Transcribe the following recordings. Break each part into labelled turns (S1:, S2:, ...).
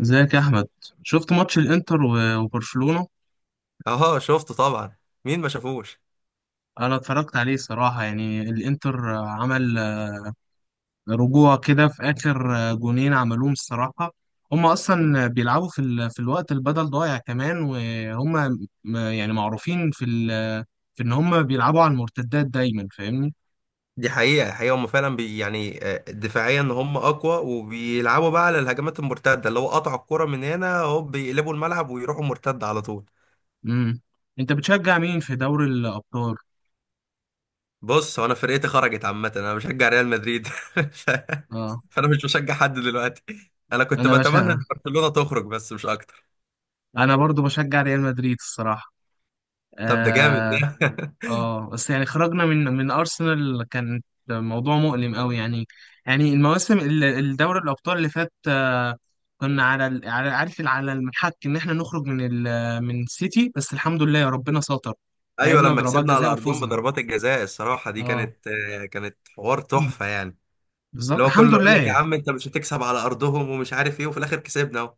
S1: ازيك يا احمد، شفت ماتش الانتر و- وبرشلونة.
S2: اه، شفته طبعا. مين ما شافوش؟
S1: انا اتفرجت عليه صراحة، يعني الانتر عمل رجوع كده في اخر جونين عملوهم الصراحة. هم اصلا بيلعبوا في الوقت البدل ضايع كمان، وهم يعني معروفين في ان هم بيلعبوا على المرتدات دايما، فاهمني؟
S2: دي حقيقة حقيقة هم فعلا يعني دفاعيا هم أقوى وبيلعبوا بقى على الهجمات المرتدة اللي هو قطعوا الكرة من هنا هوب بيقلبوا الملعب ويروحوا مرتد على طول.
S1: امم انت بتشجع مين في دوري الابطال؟
S2: بص، هو أنا فرقتي خرجت عامة، أنا بشجع ريال مدريد
S1: اه.
S2: فأنا مش بشجع حد دلوقتي. أنا كنت
S1: انا
S2: بتمنى
S1: بشجع
S2: إن برشلونة تخرج بس مش أكتر.
S1: انا برضو بشجع ريال مدريد الصراحة.
S2: طب ده جامد
S1: آه،
S2: ده
S1: اه بس يعني خرجنا من ارسنال، كان موضوع مؤلم قوي يعني. يعني المواسم الدوري الابطال اللي فات كنا على على المحك ان احنا نخرج من سيتي، بس الحمد لله يا ربنا ساتر.
S2: أيوة،
S1: لعبنا
S2: لما
S1: ضربات
S2: كسبنا على
S1: جزاء
S2: أرضهم
S1: وفوزنا.
S2: بضربات الجزاء الصراحة دي
S1: اه،
S2: كانت حوار تحفة يعني.
S1: بالظبط
S2: اللي هو
S1: الحمد
S2: كله يقول
S1: لله
S2: لك يا
S1: يعني.
S2: عم انت مش هتكسب على ارضهم ومش عارف ايه، وفي الاخر كسبنا اهو.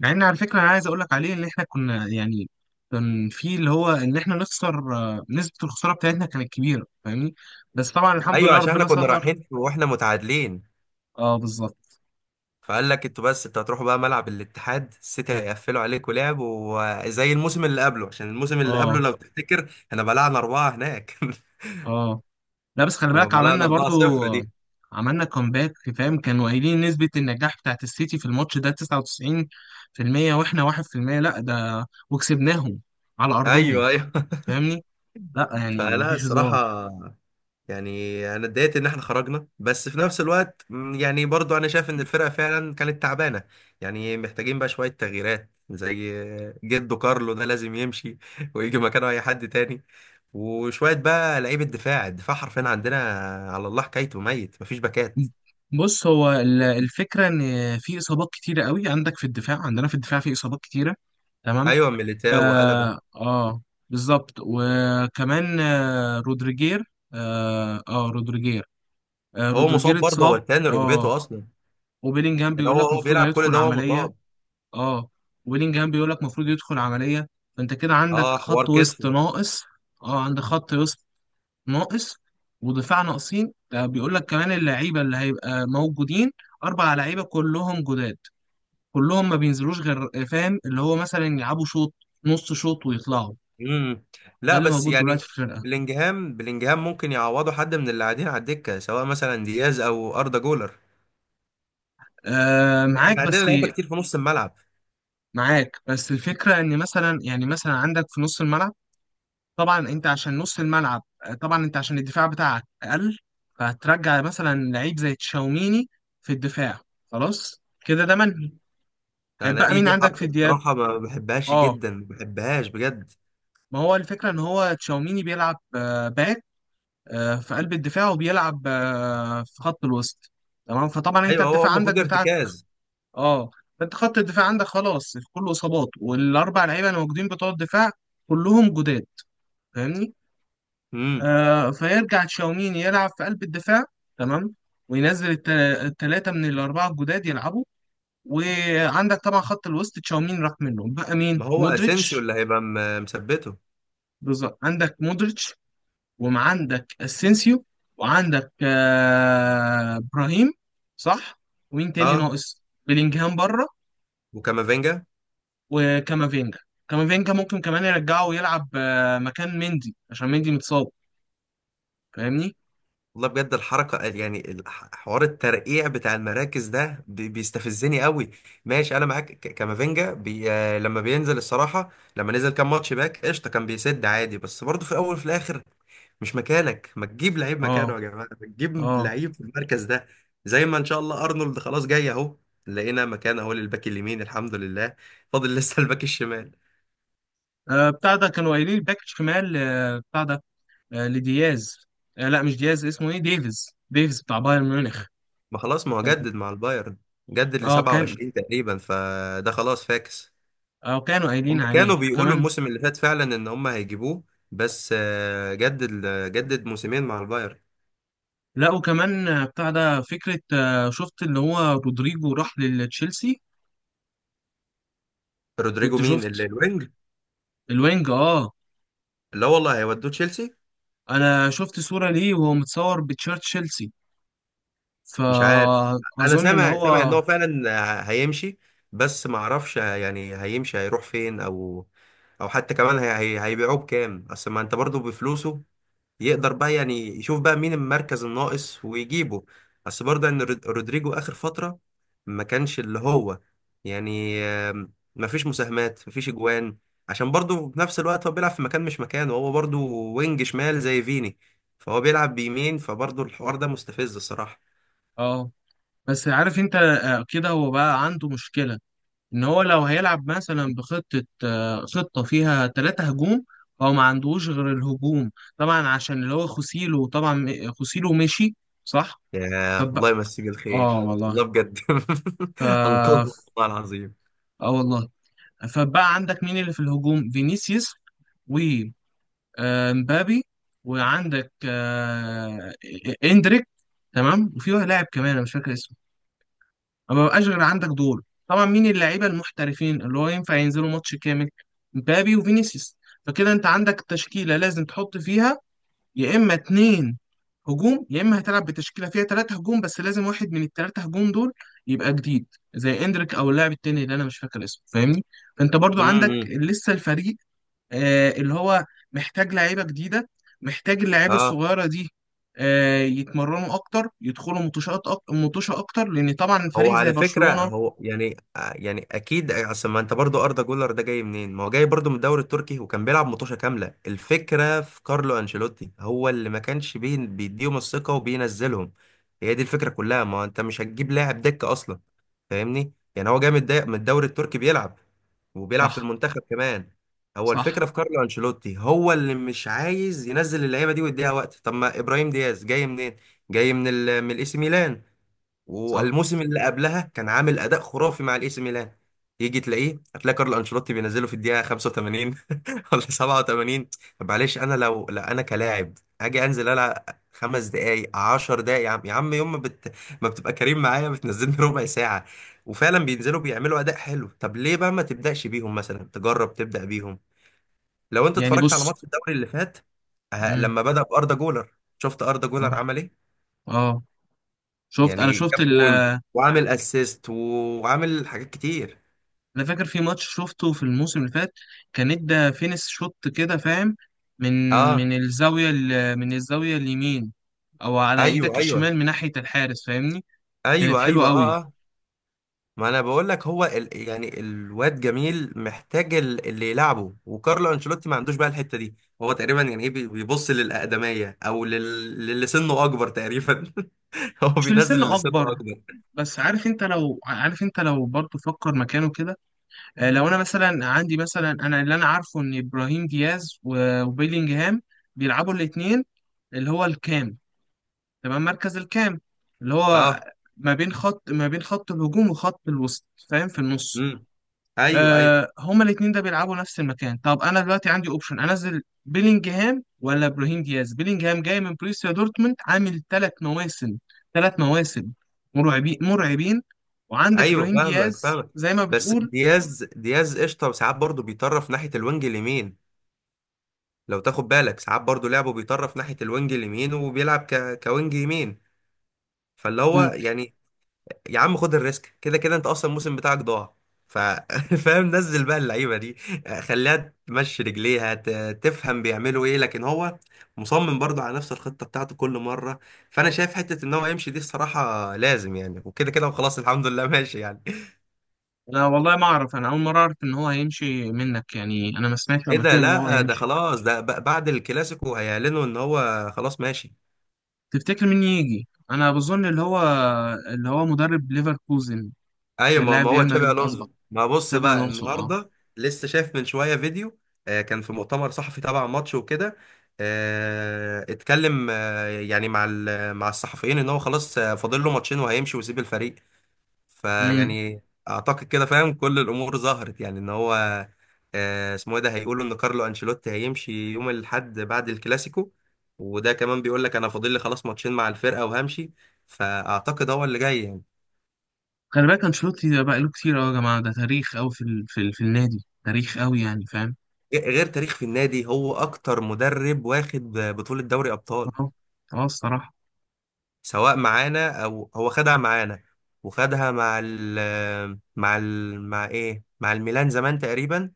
S1: مع ان على فكره انا عايز اقول لك عليه ان احنا كنا، يعني كان في اللي هو ان احنا نخسر، نسبه الخساره بتاعتنا كانت كبيره، فاهمني؟ بس طبعا الحمد
S2: ايوه،
S1: لله
S2: عشان احنا
S1: ربنا
S2: كنا
S1: ستر.
S2: رايحين واحنا متعادلين،
S1: اه بالظبط.
S2: فقال لك انتوا، بس انتوا هتروحوا بقى ملعب الاتحاد السيتي هيقفلوا عليكم لعب، وزي الموسم اللي قبله، عشان الموسم اللي قبله
S1: اه.
S2: لو تفتكر احنا بلعنا 4 هناك
S1: اه. لا بس خلي
S2: لما
S1: بالك،
S2: بلعنا
S1: عملنا برضو،
S2: 4-0 دي.
S1: عملنا كومباك فاهم؟ كانوا قايلين نسبة النجاح بتاعت السيتي في الماتش ده 99%، واحنا 1%، لا ده وكسبناهم على أرضهم.
S2: ايوه، ايوه.
S1: فاهمني؟ لا يعني
S2: فلا
S1: مفيش هزار.
S2: الصراحه، يعني انا اتضايقت ان احنا خرجنا، بس في نفس الوقت يعني برضو انا شايف ان الفرقه فعلا كانت تعبانه، يعني محتاجين بقى شويه تغييرات، زي جدو كارلو ده لازم يمشي ويجي مكانه اي حد تاني، وشويه بقى لعيبه دفاع. الدفاع حرفيا عندنا على الله حكايته، ميت، مفيش باكات.
S1: بص، هو الفكرة إن في إصابات كتيرة قوي عندك في الدفاع، عندنا في الدفاع في إصابات كتيرة. تمام؟
S2: ايوه، ميليتاو وقلبه.
S1: آه, آه بالظبط. وكمان رودريجير. آه, آه رودريجير
S2: هو مصاب
S1: رودريجير
S2: برضه، هو
S1: اتصاب.
S2: التاني
S1: اه،
S2: ركبته اصلا.
S1: وبيلينجهام
S2: يعني
S1: بيقول
S2: هو
S1: لك
S2: هو
S1: المفروض
S2: بيلعب كل
S1: هيدخل
S2: ده هو
S1: عمليه.
S2: مصاب.
S1: اه، وبيلينجهام بيقول لك المفروض يدخل عمليه. فانت كده عندك
S2: اه، حوار
S1: خط وسط
S2: كتفه.
S1: ناقص. اه، عندك خط وسط ناقص ودفاع ناقصين. ده بيقول لك كمان اللعيبه اللي هيبقى موجودين، اربع لعيبه كلهم جداد، كلهم ما بينزلوش غير فاهم اللي هو مثلا يلعبوا شوط، نص شوط، ويطلعوا.
S2: امم.
S1: ده
S2: لا،
S1: اللي
S2: بس
S1: موجود
S2: يعني
S1: دلوقتي في الفرقه.
S2: بلينجهام ممكن يعوضه حد من اللي قاعدين على الدكه، سواء مثلا دياز او اردا جولر.
S1: معاك،
S2: احنا عندنا
S1: بس
S2: لعيبه كتير في نص الملعب.
S1: معاك بس الفكره ان مثلا، يعني مثلا عندك في نص الملعب. طبعا انت عشان نص الملعب طبعا انت عشان الدفاع بتاعك اقل، فهترجع مثلا لعيب زي تشاوميني في الدفاع. خلاص كده، ده منهي.
S2: انا
S1: هيبقى
S2: دي
S1: مين
S2: دي
S1: عندك
S2: حركه
S1: في دياب؟
S2: بصراحه ما بحبهاش
S1: اه،
S2: جدا، ما بحبهاش بجد.
S1: ما هو الفكره ان هو تشاوميني بيلعب باك، في قلب الدفاع، وبيلعب في خط الوسط. تمام؟ فطبعا انت
S2: ايوه، هو
S1: الدفاع عندك
S2: المفروض
S1: بتاعك،
S2: ارتكاز.
S1: اه، فانت خط الدفاع عندك خلاص كله اصابات، والاربع لعيبه اللي موجودين بتوع الدفاع كلهم جداد، فاهمني؟
S2: امم.
S1: فيرجع تشاوميني يلعب في قلب الدفاع. تمام. وينزل الثلاثة من الأربعة الجداد يلعبوا. وعندك طبعا خط الوسط، تشاوميني راح منهم، بقى مين؟
S2: ما هو اسينسيو
S1: مودريتش.
S2: اللي هيبقى مثبته.
S1: بالظبط، عندك مودريتش، وعندك اسينسيو، وعندك إبراهيم. صح. ومين تاني
S2: اه،
S1: ناقص؟ بيلينجهام بره،
S2: وكامافينجا.
S1: وكامافينجا. كامافينجا ممكن كمان يرجعه ويلعب مكان مندي، عشان مندي متصاب، فاهمني؟
S2: والله بجد الحركة، يعني حوار الترقيع بتاع المراكز ده بيستفزني قوي. ماشي، انا معاك، كامافينجا بي آه، لما بينزل الصراحة، لما نزل كام ماتش باك قشطة كان بيسد عادي، بس برضه في الاول وفي الاخر مش مكانك، ما تجيب لعيب مكانه
S1: اه.
S2: يا جماعة، ما تجيب
S1: اه.
S2: لعيب في المركز ده. زي ما ان شاء الله ارنولد خلاص جاي اهو، لقينا مكان اهو للباك اليمين الحمد لله. فاضل لسه الباك الشمال.
S1: بتاع ده كانوا قايلين الباك شمال، آه، بتاع ده آه، لدياز. لا مش دياز، اسمه ايه، ديفيز، ديفيز بتاع بايرن ميونخ.
S2: ما خلاص، ما هو
S1: كان.
S2: جدد مع البايرن، جدد ل
S1: اه كان.
S2: 27 تقريبا، فده خلاص فاكس.
S1: اه كانوا
S2: هم
S1: قايلين عليه،
S2: كانوا بيقولوا
S1: وكمان،
S2: الموسم اللي فات فعلا ان هم هيجيبوه، بس جدد، جدد موسمين مع البايرن.
S1: لا وكمان بتاع ده فكرة، شفت اللي هو رودريجو راح لتشيلسي؟
S2: رودريجو؟
S1: كنت
S2: مين اللي
S1: شفت.
S2: الوينج؟
S1: الوينج، اه.
S2: لا والله هيودوه تشيلسي.
S1: انا شفت صورة ليه وهو متصور بتشيرت تشيلسي،
S2: مش عارف. انا
S1: فأظن ان
S2: سامع
S1: هو.
S2: ان هو فعلا هيمشي، بس ما اعرفش يعني هيمشي هيروح فين، او او حتى كمان هيبيعوه بكام، اصل ما انت برضو بفلوسه يقدر بقى يعني يشوف بقى مين المركز الناقص ويجيبه. بس برضه ان رودريجو اخر فترة ما كانش اللي هو، يعني ما فيش مساهمات، ما فيش اجوان، عشان برضه في نفس الوقت هو بيلعب في مكان مش مكانه، هو برضه وينج شمال زي فيني، فهو بيلعب بيمين، فبرضه الحوار ده مستفز الصراحة.
S1: اه، بس عارف انت كده هو بقى عنده مشكلة. ان هو لو هيلعب مثلا بخطة آه، خطة فيها ثلاثة هجوم، هو ما عندوش غير الهجوم، طبعا عشان اللي هو خوسيلو، طبعا خوسيلو مشي. صح.
S2: يا
S1: فبقى،
S2: الله يمسيه
S1: اه
S2: بالخير،
S1: والله.
S2: والله بجد
S1: ف
S2: انقذنا والله العظيم.
S1: اه والله فبقى عندك مين اللي في الهجوم؟ فينيسيوس، ومبابي، وعندك اندريك. تمام. وفي واحد لاعب كمان انا مش فاكر اسمه. ما بقاش غير عندك دور، طبعا. مين اللعيبه المحترفين اللي هو ينفع ينزلوا ماتش كامل؟ مبابي وفينيسيوس. فكده انت عندك تشكيله لازم تحط فيها يا اما اتنين هجوم، يا اما هتلعب بتشكيله فيها تلاتة هجوم، بس لازم واحد من التلاتة هجوم دول يبقى جديد، زي اندريك او اللاعب التاني اللي انا مش فاكر اسمه، فاهمني؟ فانت برضو عندك
S2: امم.
S1: لسه الفريق اللي هو محتاج لعيبه جديده. محتاج اللعيبه
S2: اه.
S1: الصغيره دي يتمرنوا اكتر، يدخلوا متوشات، متوشه اكتر، لان طبعا
S2: هو
S1: فريق زي
S2: على فكرة،
S1: برشلونه.
S2: يعني يعني أكيد، أصل ما أنت برضو أردا جولر ده جاي منين؟ ما هو جاي برضو من الدوري التركي وكان بيلعب مطوشة كاملة، الفكرة في كارلو أنشيلوتي هو اللي ما كانش بيديهم الثقة وبينزلهم، هي دي الفكرة كلها، ما هو أنت مش هتجيب لاعب دكة أصلا. فاهمني؟ يعني هو جاي من من الدوري التركي بيلعب وبيلعب في
S1: صح.
S2: المنتخب كمان. هو
S1: صح.
S2: الفكرة في كارلو أنشيلوتي هو اللي مش عايز ينزل اللعيبة دي ويديها وقت. طب ما إبراهيم دياز جاي منين؟ جاي من الإي سي ميلان،
S1: صح.
S2: والموسم اللي قبلها كان عامل اداء خرافي مع الاي سي ميلان. يجي تلاقيه هتلاقي كارل انشيلوتي بينزله في الدقيقه 85 ولا 87. طب معلش، انا لو لا انا كلاعب اجي انزل العب 5 دقايق، 10 دقايق، يا عم يا عم، يوم ما, بت... ما بتبقى كريم معايا بتنزلني ربع ساعه، وفعلا بينزلوا بيعملوا اداء حلو. طب ليه بقى ما تبداش بيهم مثلا؟ تجرب تبدا بيهم. لو انت
S1: يعني
S2: اتفرجت على
S1: بص.
S2: ماتش الدوري اللي فات
S1: امم
S2: لما بدا باردا جولر، شفت اردا جولر
S1: اه.
S2: عمل ايه؟
S1: اه. شفت.
S2: يعني جاب بوينت، وعامل اسيست، وعامل حاجات كتير.
S1: انا فاكر في ماتش شفته في الموسم اللي فات، كان ادى فينس شوت كده فاهم، من من
S2: اه،
S1: الزاويه ال... من الزاويه اليمين، او على ايدك
S2: ايوه، ايوه،
S1: الشمال من ناحيه الحارس، فاهمني؟ كانت
S2: ايوه،
S1: حلوه
S2: ايوه، اه،
S1: قوي.
S2: اه. ما انا بقول لك، هو يعني الواد جميل محتاج اللي يلعبه، وكارلو انشيلوتي ما عندوش بقى الحته دي. هو تقريبا يعني ايه بيبص للاقدميه، او للي سنه اكبر تقريبا هو
S1: مش في
S2: بينزل
S1: السن
S2: اللي سنه
S1: اكبر.
S2: اكبر.
S1: بس عارف انت لو برضه فكر مكانه كده. لو انا مثلا عندي، مثلا انا اللي انا عارفه، ان ابراهيم دياز و- وبيلينجهام بيلعبوا الاثنين اللي هو الكام، تبقى المركز الكام، اللي هو
S2: اه،
S1: ما بين خط الهجوم وخط الوسط، فاهم، في النص.
S2: امم، ايوه، ايوه،
S1: هما الاتنين ده بيلعبوا نفس المكان. طب انا دلوقتي عندي اوبشن، انزل بيلينجهام ولا ابراهيم دياز؟ بيلينجهام جاي من بروسيا دورتموند، عامل 3 مواسم، 3 مواسم مرعبين، مرعبين. وعندك
S2: ايوه،
S1: ابراهيم
S2: فاهمك
S1: دياز
S2: فاهمك.
S1: زي ما
S2: بس
S1: بتقول.
S2: دياز قشطه، وساعات برضه بيطرف ناحيه الوينج اليمين. لو تاخد بالك ساعات برضو لعبه بيطرف ناحية الوينج اليمين وبيلعب كوينج يمين. فاللي هو
S1: ممكن.
S2: يعني، يا عم خد الريسك، كده كده انت اصلا الموسم بتاعك ضاع ف... فاهم، نزل بقى اللعيبة دي، خليها تمشي رجليها تفهم بيعملوا ايه، لكن هو مصمم برضو على نفس الخطة بتاعته كل مرة. فانا شايف حتة ان هو يمشي دي الصراحة لازم يعني، وكده كده وخلاص الحمد لله ماشي يعني.
S1: انا والله ما اعرف، انا اول مره اعرف ان هو هيمشي منك، يعني انا ما سمعتش
S2: ايه
S1: قبل
S2: ده؟
S1: كده ان هو
S2: لا ده
S1: هيمشي.
S2: خلاص، ده بعد الكلاسيكو هيعلنوا ان هو خلاص ماشي.
S1: تفتكر مين يجي؟ انا بظن اللي هو مدرب ليفركوزن،
S2: ايوه،
S1: كان
S2: ما
S1: لاعب
S2: ما هو
S1: ريال
S2: تشابي
S1: مدريد
S2: الونزو،
S1: اسبق،
S2: ما بص
S1: شابي
S2: بقى
S1: الونسو. اه.
S2: النهارده. لسه شايف من شويه فيديو، كان في مؤتمر صحفي تبع ماتش وكده، اتكلم يعني مع مع الصحفيين ان هو خلاص فاضل له ماتشين وهيمشي ويسيب الفريق،
S1: امم
S2: فيعني اعتقد كده، فاهم كل الامور ظهرت يعني ان هو اسمه ايه ده، هيقولوا ان كارلو انشيلوتي هيمشي يوم الاحد بعد الكلاسيكو، وده كمان بيقول لك انا فاضل لي خلاص ماتشين مع الفرقه وهمشي. فاعتقد هو اللي جاي يعني.
S1: خلي بالك انشيلوتي ده بقى له كتير قوي يا جماعه، ده تاريخ قوي في النادي، تاريخ قوي يعني، فاهم؟
S2: غير تاريخ في النادي، هو اكتر مدرب واخد بطولة دوري ابطال،
S1: اه. اه، الصراحه.
S2: سواء معانا او هو خدها معانا، وخدها مع ال مع ال مع ايه مع الميلان زمان تقريبا،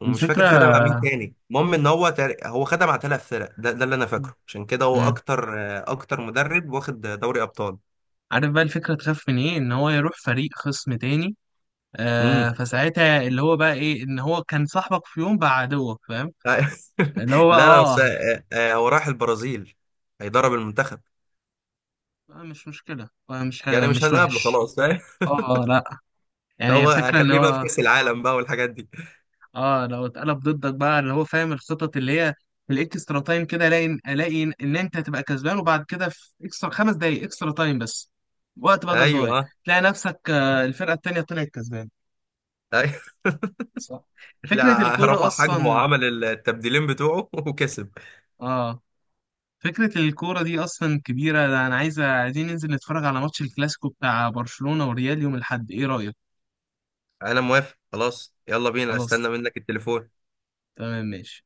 S2: ومش فاكر خدها مع مين
S1: الفكره
S2: تاني. المهم ان هو خدها مع 3 فرق، ده اللي انا فاكره، عشان كده هو
S1: امم
S2: اكتر مدرب واخد دوري ابطال.
S1: عارف بقى، الفكره تخاف من ايه؟ ان هو يروح فريق خصم تاني،
S2: امم.
S1: فساعتها اللي هو بقى ايه، ان هو كان صاحبك في يوم بقى عدوك، فاهم؟ اللي هو بقى،
S2: لا لا،
S1: اه.
S2: بس هو راح البرازيل هيدرب المنتخب،
S1: مش مشكله.
S2: يعني مش
S1: مش
S2: هنقابله
S1: وحش.
S2: خلاص فاهم
S1: اه، لا. يعني
S2: هو
S1: الفكرة ان
S2: هخليه بقى في
S1: هو،
S2: كأس العالم بقى والحاجات دي.
S1: اه، لو اتقلب ضدك بقى، اللي هو فاهم الخطط اللي هي في الاكسترا تايم كده، الاقي ان انت هتبقى كسبان، وبعد كده في اكسترا 5 دقايق، اكسترا تايم بس، وقت بدل ضايع،
S2: ايوه،
S1: تلاقي نفسك الفرقة التانية طلعت كسبان.
S2: ايوه.
S1: صح. فكرة
S2: لا،
S1: الكورة
S2: رفع حجمه
S1: اصلا
S2: وعمل التبديلين بتوعه وكسب.
S1: اه فكرة الكورة دي اصلا كبيرة. ده انا عايزين ننزل نتفرج على ماتش الكلاسيكو بتاع برشلونة وريال يوم الاحد، ايه رأيك؟
S2: انا موافق، خلاص، يلا بينا، استنى
S1: خلاص.
S2: منك التليفون.
S1: تمام. ماشي.